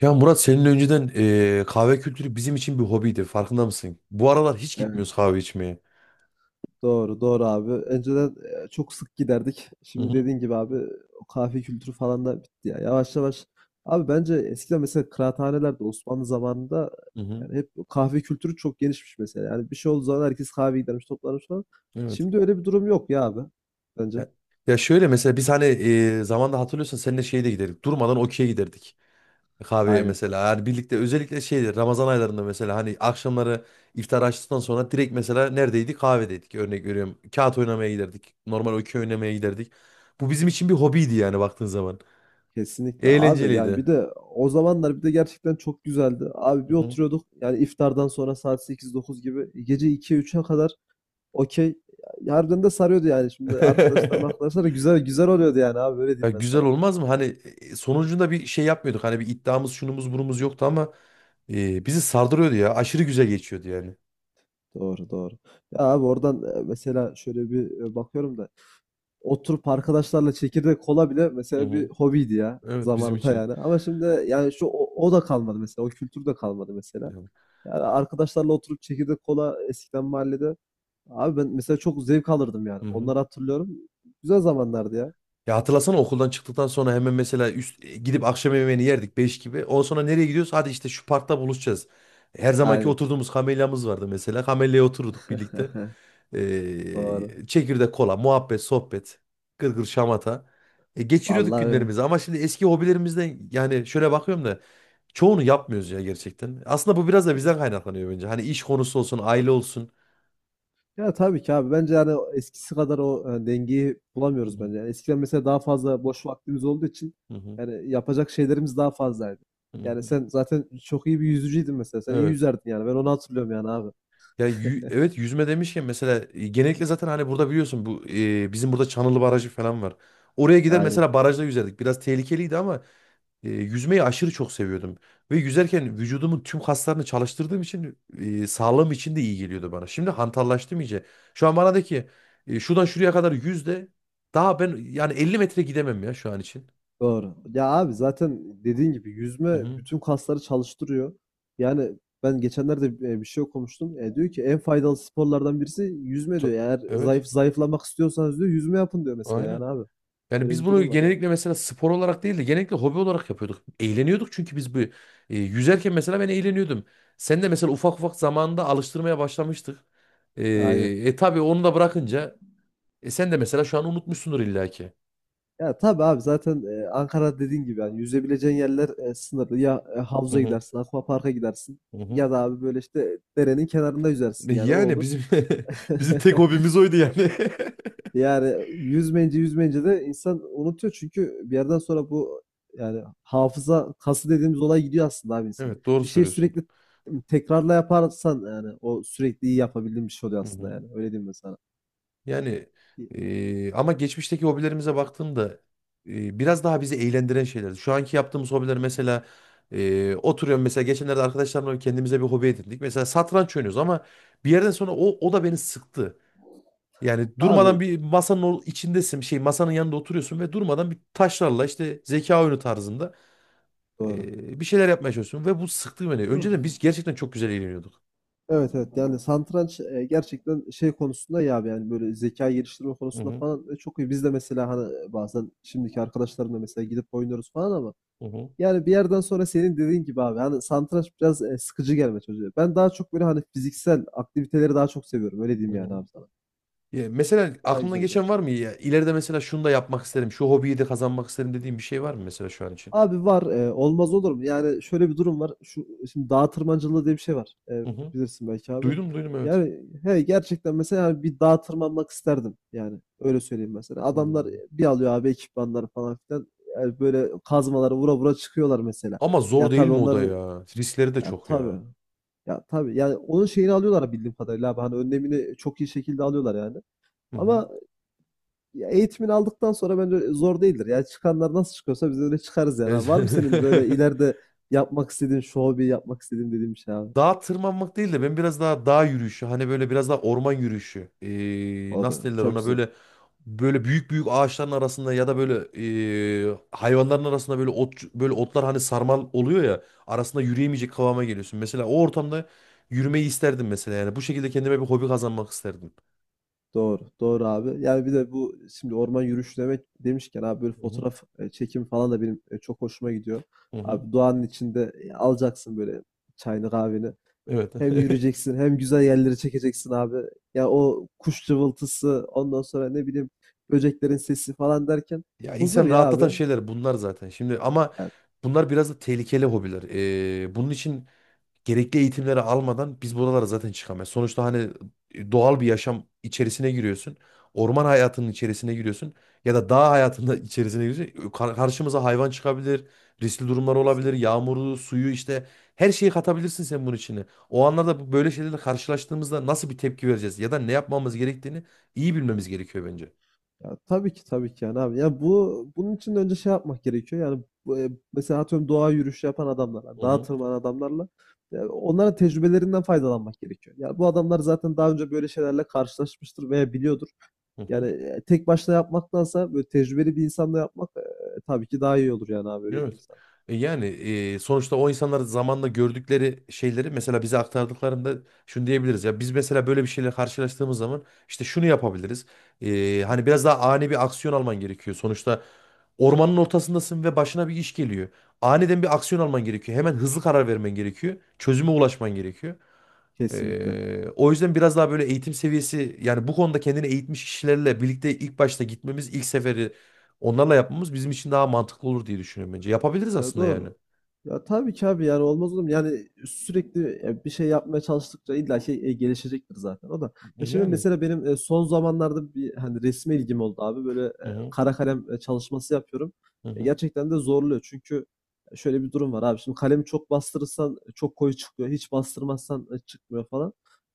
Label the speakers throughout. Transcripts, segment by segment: Speaker 1: Ya Murat senin önceden kahve kültürü bizim için bir hobiydi. Farkında mısın? Bu aralar hiç
Speaker 2: Evet.
Speaker 1: gitmiyoruz kahve içmeye.
Speaker 2: Doğru, doğru abi. Önceden çok sık giderdik.
Speaker 1: Hı
Speaker 2: Şimdi
Speaker 1: hı,
Speaker 2: dediğin gibi abi o kahve kültürü falan da bitti ya. Yavaş yavaş. Abi bence eskiden mesela kıraathanelerde Osmanlı zamanında
Speaker 1: hı hı.
Speaker 2: yani hep kahve kültürü çok genişmiş mesela. Yani bir şey olduğu zaman herkes kahve gidermiş, toplanmış falan.
Speaker 1: Evet.
Speaker 2: Şimdi öyle bir durum yok ya abi. Bence.
Speaker 1: Ya, ya, şöyle mesela biz hani zamanda hatırlıyorsan seninle şeye de giderdik. Durmadan okey'e giderdik. Kahveye
Speaker 2: Aynen.
Speaker 1: mesela. Yani birlikte özellikle şeyde Ramazan aylarında mesela hani akşamları iftar açtıktan sonra direkt mesela neredeydik? Kahvedeydik. Örnek veriyorum. Kağıt oynamaya giderdik. Normal okey oynamaya giderdik. Bu bizim için bir hobiydi yani baktığın zaman.
Speaker 2: Kesinlikle abi, yani
Speaker 1: Eğlenceliydi.
Speaker 2: bir de o zamanlar bir de gerçekten çok güzeldi. Abi
Speaker 1: Hı
Speaker 2: bir
Speaker 1: hı.
Speaker 2: oturuyorduk yani iftardan sonra saat 8-9 gibi gece 2-3'e kadar okey. Harbiden de sarıyordu yani. Şimdi arkadaşlarım arkadaşlar güzel güzel oluyordu yani abi, öyle
Speaker 1: Ya
Speaker 2: diyeyim ben
Speaker 1: güzel
Speaker 2: sana.
Speaker 1: olmaz mı? Hani sonucunda bir şey yapmıyorduk. Hani bir iddiamız şunumuz burumuz yoktu ama bizi sardırıyordu ya. Aşırı güzel geçiyordu yani.
Speaker 2: Doğru doğru. Ya abi oradan mesela şöyle bir bakıyorum da oturup arkadaşlarla çekirdek kola bile
Speaker 1: Hı
Speaker 2: mesela bir
Speaker 1: hı.
Speaker 2: hobiydi ya
Speaker 1: Evet bizim
Speaker 2: zamanında
Speaker 1: için.
Speaker 2: yani. Ama şimdi yani o da kalmadı mesela. O kültür de kalmadı mesela.
Speaker 1: Ya,
Speaker 2: Yani arkadaşlarla oturup çekirdek kola eskiden mahallede. Abi ben mesela çok zevk alırdım yani.
Speaker 1: hı hı.
Speaker 2: Onları hatırlıyorum. Güzel zamanlardı ya.
Speaker 1: Ya hatırlasana okuldan çıktıktan sonra hemen mesela gidip akşam yemeğini yerdik 5 gibi. Ondan sonra nereye gidiyoruz? Hadi işte şu parkta buluşacağız. Her zamanki
Speaker 2: Aynen.
Speaker 1: oturduğumuz kamelyamız vardı mesela. Kamelyaya otururduk birlikte.
Speaker 2: Doğru.
Speaker 1: Çekirdek kola, muhabbet, sohbet, gırgır şamata. Geçiriyorduk
Speaker 2: Vallahi öyle.
Speaker 1: günlerimizi ama şimdi eski hobilerimizden yani şöyle bakıyorum da çoğunu yapmıyoruz ya gerçekten. Aslında bu biraz da bizden kaynaklanıyor bence. Hani iş konusu olsun, aile olsun.
Speaker 2: Ya tabii ki abi. Bence yani eskisi kadar o, yani dengeyi
Speaker 1: Hı
Speaker 2: bulamıyoruz
Speaker 1: hı,
Speaker 2: bence. Yani eskiden mesela daha fazla boş vaktimiz olduğu için
Speaker 1: hı hı,
Speaker 2: yani yapacak şeylerimiz daha fazlaydı.
Speaker 1: hı
Speaker 2: Yani
Speaker 1: hı.
Speaker 2: sen zaten çok iyi bir yüzücüydün mesela. Sen iyi
Speaker 1: Evet.
Speaker 2: yüzerdin yani. Ben onu hatırlıyorum yani abi.
Speaker 1: Ya evet yüzme demişken mesela genellikle zaten hani burada biliyorsun bu bizim burada Çanılı Barajı falan var. Oraya gider mesela
Speaker 2: Aynen.
Speaker 1: barajda yüzerdik. Biraz tehlikeliydi ama yüzmeyi aşırı çok seviyordum. Ve yüzerken vücudumun tüm kaslarını çalıştırdığım için sağlığım için de iyi geliyordu bana. Şimdi hantallaştım iyice. Şu an bana de ki şuradan şuraya kadar yüz de daha ben yani 50 metre gidemem ya şu an için.
Speaker 2: Doğru. Ya abi zaten dediğin gibi
Speaker 1: Hı
Speaker 2: yüzme
Speaker 1: hı.
Speaker 2: bütün kasları çalıştırıyor. Yani ben geçenlerde bir şey okumuştum. Diyor ki en faydalı sporlardan birisi yüzme
Speaker 1: Ta-
Speaker 2: diyor. Eğer
Speaker 1: Evet.
Speaker 2: zayıflamak istiyorsanız diyor, yüzme yapın diyor mesela yani
Speaker 1: Aynen.
Speaker 2: abi.
Speaker 1: Yani
Speaker 2: Böyle
Speaker 1: biz
Speaker 2: bir
Speaker 1: bunu
Speaker 2: durum var yani.
Speaker 1: genellikle mesela spor olarak değil de genellikle hobi olarak yapıyorduk. Eğleniyorduk çünkü biz bu yüzerken mesela ben eğleniyordum. Sen de mesela ufak ufak zamanında alıştırmaya başlamıştık. E,
Speaker 2: Aynen.
Speaker 1: tabii onu da bırakınca sen de mesela şu an unutmuşsundur illaki.
Speaker 2: Ya tabii abi, zaten Ankara dediğin gibi yani yüzebileceğin yerler sınırlı. Ya
Speaker 1: Hı
Speaker 2: havuza
Speaker 1: hı,
Speaker 2: gidersin, aquaparka gidersin
Speaker 1: hı hı.
Speaker 2: ya da abi böyle işte derenin kenarında
Speaker 1: E
Speaker 2: yüzersin yani o
Speaker 1: Yani
Speaker 2: olur.
Speaker 1: bizim bizim tek hobimiz oydu yani.
Speaker 2: Yani yüzmeyince de insan unutuyor, çünkü bir yerden sonra bu yani hafıza kası dediğimiz olay gidiyor aslında abi insanın.
Speaker 1: Evet doğru
Speaker 2: Bir şey
Speaker 1: söylüyorsun.
Speaker 2: sürekli tekrarla yaparsan yani o sürekli iyi yapabildiğin bir şey oluyor
Speaker 1: Hı
Speaker 2: aslında,
Speaker 1: hı.
Speaker 2: yani öyle diyeyim ben sana.
Speaker 1: Yani ama geçmişteki hobilerimize baktığımda biraz daha bizi eğlendiren şeylerdi. Şu anki yaptığımız hobiler mesela oturuyorum mesela geçenlerde arkadaşlarımla kendimize bir hobi edindik. Mesela satranç oynuyoruz ama bir yerden sonra o da beni sıktı. Yani durmadan
Speaker 2: Abi
Speaker 1: bir masanın içindesin, şey masanın yanında oturuyorsun ve durmadan bir taşlarla işte zeka oyunu tarzında
Speaker 2: doğru.
Speaker 1: bir şeyler yapmaya çalışıyorsun ve bu sıktı beni.
Speaker 2: Doğru.
Speaker 1: Önceden biz gerçekten çok güzel eğleniyorduk.
Speaker 2: Evet evet, yani satranç gerçekten şey konusunda, ya abi yani böyle zeka geliştirme
Speaker 1: Hı
Speaker 2: konusunda
Speaker 1: hı,
Speaker 2: falan çok iyi. Biz de mesela hani bazen şimdiki arkadaşlarımla mesela gidip oynuyoruz falan, ama
Speaker 1: hı hı,
Speaker 2: yani bir yerden sonra senin dediğin gibi abi hani satranç biraz sıkıcı gelme çocuğa. Ben daha çok böyle hani fiziksel aktiviteleri daha çok seviyorum, öyle diyeyim
Speaker 1: hı
Speaker 2: yani
Speaker 1: hı.
Speaker 2: abi sana.
Speaker 1: Ya mesela
Speaker 2: Daha
Speaker 1: aklına
Speaker 2: güzel oluyor.
Speaker 1: geçen var mı ya? İleride mesela şunu da yapmak isterim. Şu hobiyi de kazanmak isterim dediğim bir şey var mı mesela şu an için?
Speaker 2: Abi var, olmaz olur mu? Yani şöyle bir durum var. Şu şimdi dağ tırmancılığı diye bir şey var.
Speaker 1: Hı hı.
Speaker 2: Bilirsin belki abi.
Speaker 1: Duydum duydum evet.
Speaker 2: Yani he gerçekten mesela, yani bir dağ tırmanmak isterdim. Yani öyle söyleyeyim mesela. Adamlar
Speaker 1: Hmm.
Speaker 2: bir alıyor abi ekipmanları falan filan. Yani böyle kazmaları vura vura çıkıyorlar mesela.
Speaker 1: Ama zor
Speaker 2: Ya
Speaker 1: değil
Speaker 2: tabii
Speaker 1: mi o da
Speaker 2: onların,
Speaker 1: ya? Riskleri de
Speaker 2: ya
Speaker 1: çok ya.
Speaker 2: tabii. Ya tabii yani onun şeyini alıyorlar bildiğim kadarıyla abi. Hani önlemini çok iyi şekilde alıyorlar yani.
Speaker 1: Hı hı.
Speaker 2: Ama ya eğitimini aldıktan sonra bence zor değildir. Yani çıkanlar nasıl çıkıyorsa biz de öyle çıkarız yani
Speaker 1: Evet.
Speaker 2: abi. Var mı senin böyle ileride yapmak istediğin, şu hobi yapmak istediğin dediğin bir şey abi?
Speaker 1: Dağa tırmanmak değil de ben biraz daha dağ yürüyüşü hani böyle biraz daha orman yürüyüşü
Speaker 2: O da
Speaker 1: nasıl derler
Speaker 2: çok
Speaker 1: ona
Speaker 2: güzel.
Speaker 1: böyle büyük büyük ağaçların arasında ya da böyle hayvanların arasında böyle otlar hani sarmal oluyor ya arasında yürüyemeyecek kıvama geliyorsun. Mesela o ortamda yürümeyi isterdim mesela yani bu şekilde kendime bir hobi kazanmak isterdim.
Speaker 2: Doğru. Doğru abi. Yani bir de bu şimdi orman yürüyüşü demek demişken abi böyle
Speaker 1: Hı hı,
Speaker 2: fotoğraf çekimi falan da benim çok hoşuma gidiyor.
Speaker 1: hı hı.
Speaker 2: Abi doğanın içinde alacaksın böyle çayını kahveni.
Speaker 1: Evet.
Speaker 2: Hem yürüyeceksin hem güzel yerleri çekeceksin abi. Ya o kuş cıvıltısı, ondan sonra ne bileyim böceklerin sesi falan derken
Speaker 1: Ya
Speaker 2: huzur
Speaker 1: insan
Speaker 2: ya abi.
Speaker 1: rahatlatan şeyler bunlar zaten. Şimdi ama
Speaker 2: Yani
Speaker 1: bunlar biraz da tehlikeli hobiler. Bunun için gerekli eğitimleri almadan biz buralara zaten çıkamayız. Sonuçta hani doğal bir yaşam içerisine giriyorsun. Orman hayatının içerisine giriyorsun ya da dağ hayatında içerisine giriyorsun. Karşımıza hayvan çıkabilir, riskli durumlar olabilir,
Speaker 2: kesinlikle.
Speaker 1: yağmuru, suyu işte her şeyi katabilirsin sen bunun içine. O anlarda böyle şeylerle karşılaştığımızda nasıl bir tepki vereceğiz ya da ne yapmamız gerektiğini iyi bilmemiz gerekiyor bence.
Speaker 2: Ya tabii ki tabii ki yani abi. Ya bu, bunun için de önce şey yapmak gerekiyor. Yani bu mesela atıyorum doğa yürüyüşü yapan adamlarla,
Speaker 1: Hı
Speaker 2: dağa
Speaker 1: hı.
Speaker 2: tırmanan adamlarla ya onların tecrübelerinden faydalanmak gerekiyor. Ya bu adamlar zaten daha önce böyle şeylerle karşılaşmıştır veya biliyordur.
Speaker 1: Hı hı.
Speaker 2: Yani tek başına yapmaktansa böyle tecrübeli bir insanla yapmak tabii ki daha iyi olur yani abi, öyle diyeyim
Speaker 1: Evet.
Speaker 2: sana.
Speaker 1: Yani, sonuçta o insanlar zamanla gördükleri şeyleri mesela bize aktardıklarında şunu diyebiliriz ya biz mesela böyle bir şeyle karşılaştığımız zaman işte şunu yapabiliriz. Hani biraz daha ani bir aksiyon alman gerekiyor. Sonuçta ormanın ortasındasın ve başına bir iş geliyor. Aniden bir aksiyon alman gerekiyor. Hemen hızlı karar vermen gerekiyor. Çözüme ulaşman gerekiyor.
Speaker 2: Kesinlikle.
Speaker 1: O yüzden biraz daha böyle eğitim seviyesi yani bu konuda kendini eğitmiş kişilerle birlikte ilk başta gitmemiz ilk seferi onlarla yapmamız bizim için daha mantıklı olur diye düşünüyorum bence. Yapabiliriz
Speaker 2: Ya
Speaker 1: aslında yani.
Speaker 2: doğru. Ya tabii ki abi yani olmaz olur mu? Yani sürekli bir şey yapmaya çalıştıkça illa şey gelişecektir zaten o da. Ya şimdi
Speaker 1: Yani.
Speaker 2: mesela benim son zamanlarda bir, hani, resme ilgim oldu abi. Böyle
Speaker 1: Hı hı.
Speaker 2: kara kalem çalışması yapıyorum.
Speaker 1: Hı
Speaker 2: E,
Speaker 1: hı.
Speaker 2: gerçekten de zorluyor. Çünkü şöyle bir durum var abi. Şimdi kalemi çok bastırırsan çok koyu çıkıyor. Hiç bastırmazsan çıkmıyor falan.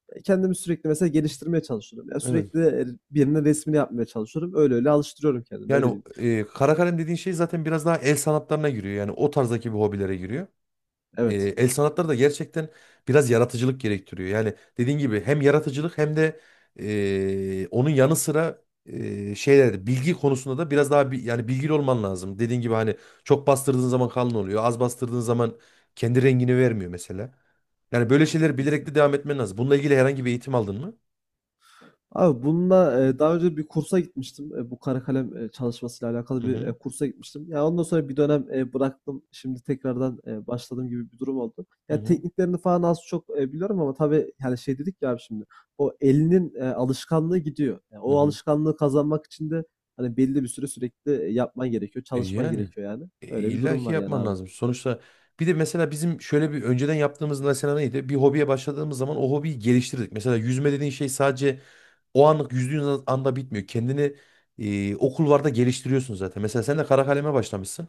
Speaker 2: E, kendimi sürekli mesela geliştirmeye çalışıyorum. Ya
Speaker 1: Evet.
Speaker 2: sürekli birinin resmini yapmaya çalışıyorum. Öyle öyle alıştırıyorum kendimi.
Speaker 1: Yani
Speaker 2: Öyle.
Speaker 1: o, kara kalem dediğin şey zaten biraz daha el sanatlarına giriyor. Yani o tarzdaki bir hobilere giriyor. E,
Speaker 2: Evet.
Speaker 1: el sanatları da gerçekten biraz yaratıcılık gerektiriyor. Yani dediğin gibi hem yaratıcılık hem de onun yanı sıra şeyler bilgi konusunda da biraz daha yani bilgili olman lazım. Dediğin gibi hani çok bastırdığın zaman kalın oluyor. Az bastırdığın zaman kendi rengini vermiyor mesela. Yani böyle şeyleri bilerek de devam etmen lazım. Bununla ilgili herhangi bir eğitim aldın mı?
Speaker 2: Abi bununla daha önce bir kursa gitmiştim. Bu kara kalem çalışmasıyla alakalı
Speaker 1: Hı
Speaker 2: bir
Speaker 1: hı.
Speaker 2: kursa gitmiştim. Ya, ondan sonra bir dönem bıraktım. Şimdi tekrardan başladığım gibi bir durum oldu.
Speaker 1: Hı
Speaker 2: Ya,
Speaker 1: hı.
Speaker 2: tekniklerini falan az çok biliyorum ama tabii yani, şey dedik ya abi şimdi, o elinin alışkanlığı gidiyor. Ya,
Speaker 1: Hı
Speaker 2: o
Speaker 1: hı.
Speaker 2: alışkanlığı kazanmak için de hani belli bir süre sürekli yapman gerekiyor,
Speaker 1: E
Speaker 2: çalışman
Speaker 1: yani
Speaker 2: gerekiyor yani.
Speaker 1: e,
Speaker 2: Öyle bir
Speaker 1: illa
Speaker 2: durum
Speaker 1: ki
Speaker 2: var yani
Speaker 1: yapman
Speaker 2: abi.
Speaker 1: lazım. Sonuçta bir de mesela bizim şöyle bir önceden yaptığımız mesela neydi? Bir hobiye başladığımız zaman o hobiyi geliştirdik. Mesela yüzme dediğin şey sadece o anlık yüzdüğün anda bitmiyor. Kendini o kulvarda geliştiriyorsun zaten. Mesela sen de kara kaleme başlamışsın.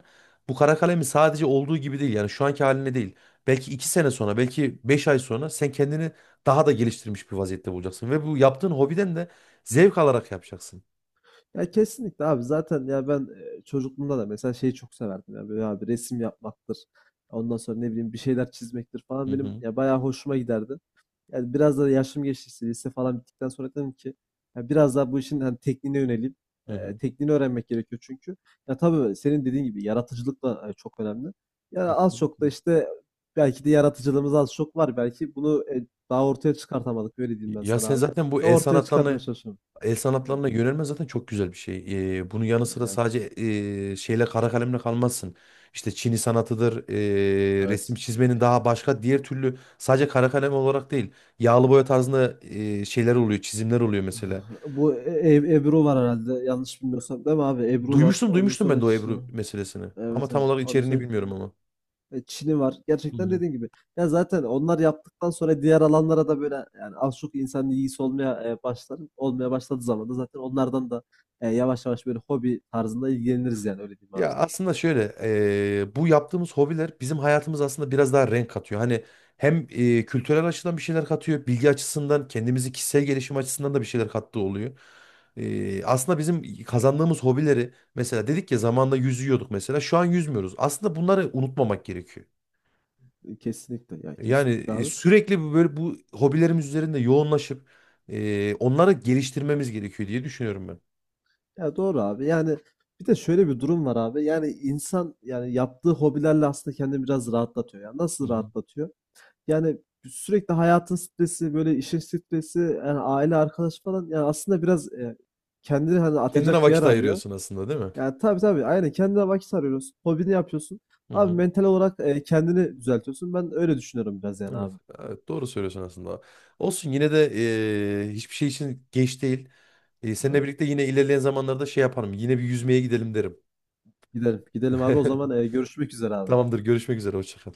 Speaker 1: Bu kara kalemi sadece olduğu gibi değil yani şu anki haline değil. Belki 2 sene sonra belki 5 ay sonra sen kendini daha da geliştirmiş bir vaziyette bulacaksın. Ve bu yaptığın hobiden de zevk alarak yapacaksın.
Speaker 2: Ya kesinlikle abi, zaten ya ben çocukluğumda da mesela şeyi çok severdim ya, böyle abi resim yapmaktır. Ondan sonra ne bileyim bir şeyler çizmektir
Speaker 1: Hı
Speaker 2: falan benim
Speaker 1: hı.
Speaker 2: ya bayağı hoşuma giderdi. Yani biraz da yaşım geçtikçe lise falan bittikten sonra dedim ki ya biraz daha bu işin hani tekniğine yöneleyim. E,
Speaker 1: Hı
Speaker 2: tekniğini öğrenmek gerekiyor çünkü. Ya tabii senin dediğin gibi yaratıcılık da çok önemli. Ya az çok da
Speaker 1: hı.
Speaker 2: işte belki de yaratıcılığımız az çok var. Belki bunu daha ortaya çıkartamadık, öyle diyeyim ben
Speaker 1: Ya
Speaker 2: sana
Speaker 1: sen
Speaker 2: abi.
Speaker 1: zaten bu
Speaker 2: Ve
Speaker 1: el
Speaker 2: ortaya çıkartmaya
Speaker 1: sanatlarına
Speaker 2: çalışıyorum.
Speaker 1: el
Speaker 2: E,
Speaker 1: sanatlarına yönelme zaten çok güzel bir şey. Bunun yanı sıra
Speaker 2: evet.
Speaker 1: sadece şeyle kara kalemle kalmazsın. İşte Çini sanatıdır, resim
Speaker 2: Evet.
Speaker 1: çizmenin daha başka diğer türlü sadece kara kalem olarak değil. Yağlı boya tarzında şeyler oluyor, çizimler oluyor mesela.
Speaker 2: Bu Ebru var herhalde. Yanlış bilmiyorsam değil mi abi? Ebru var.
Speaker 1: Duymuştum
Speaker 2: Ondan
Speaker 1: duymuştum
Speaker 2: sonra
Speaker 1: ben de o Ebru meselesini.
Speaker 2: Evet,
Speaker 1: Ama tam
Speaker 2: evet.
Speaker 1: olarak
Speaker 2: Ondan
Speaker 1: içeriğini
Speaker 2: sonra
Speaker 1: bilmiyorum ama.
Speaker 2: Çin'i var. Gerçekten dediğin gibi. Ya zaten onlar yaptıktan sonra diğer alanlara da böyle, yani az çok insanın ilgisi olmaya başlar. Olmaya başladığı zaman da zaten onlardan da yavaş yavaş böyle hobi tarzında ilgileniriz, yani öyle diyeyim abi
Speaker 1: Ya
Speaker 2: sana.
Speaker 1: aslında şöyle bu yaptığımız hobiler bizim hayatımız aslında biraz daha renk katıyor. Hani hem kültürel açıdan bir şeyler katıyor, bilgi açısından kendimizi kişisel gelişim açısından da bir şeyler kattığı oluyor. Aslında bizim kazandığımız hobileri mesela dedik ya zamanında yüzüyorduk mesela şu an yüzmüyoruz. Aslında bunları unutmamak gerekiyor.
Speaker 2: E, kesinlikle, ya
Speaker 1: Yani
Speaker 2: kesinlikle abi.
Speaker 1: sürekli böyle bu hobilerimiz üzerinde yoğunlaşıp onları geliştirmemiz gerekiyor diye düşünüyorum ben.
Speaker 2: Ya doğru abi. Yani bir de şöyle bir durum var abi. Yani insan, yani yaptığı hobilerle aslında kendini biraz rahatlatıyor. Ya
Speaker 1: Hı
Speaker 2: nasıl
Speaker 1: hı.
Speaker 2: rahatlatıyor? Yani sürekli hayatın stresi, böyle işin stresi, yani aile, arkadaş falan, yani aslında biraz kendini hani
Speaker 1: Kendine
Speaker 2: atacak bir yer
Speaker 1: vakit
Speaker 2: arıyor.
Speaker 1: ayırıyorsun aslında değil mi?
Speaker 2: Yani tabii tabii aynen, kendine vakit arıyorsun. Hobini yapıyorsun.
Speaker 1: Hı
Speaker 2: Abi
Speaker 1: hı.
Speaker 2: mental olarak kendini düzeltiyorsun. Ben öyle düşünüyorum biraz yani
Speaker 1: Evet,
Speaker 2: abi.
Speaker 1: evet doğru söylüyorsun aslında. Olsun yine de hiçbir şey için geç değil. Seninle
Speaker 2: Evet.
Speaker 1: birlikte yine ilerleyen zamanlarda şey yaparım. Yine bir yüzmeye gidelim derim.
Speaker 2: Gidelim. Gidelim abi, o zaman görüşmek üzere abi.
Speaker 1: Tamamdır, görüşmek üzere. Hoşça kal.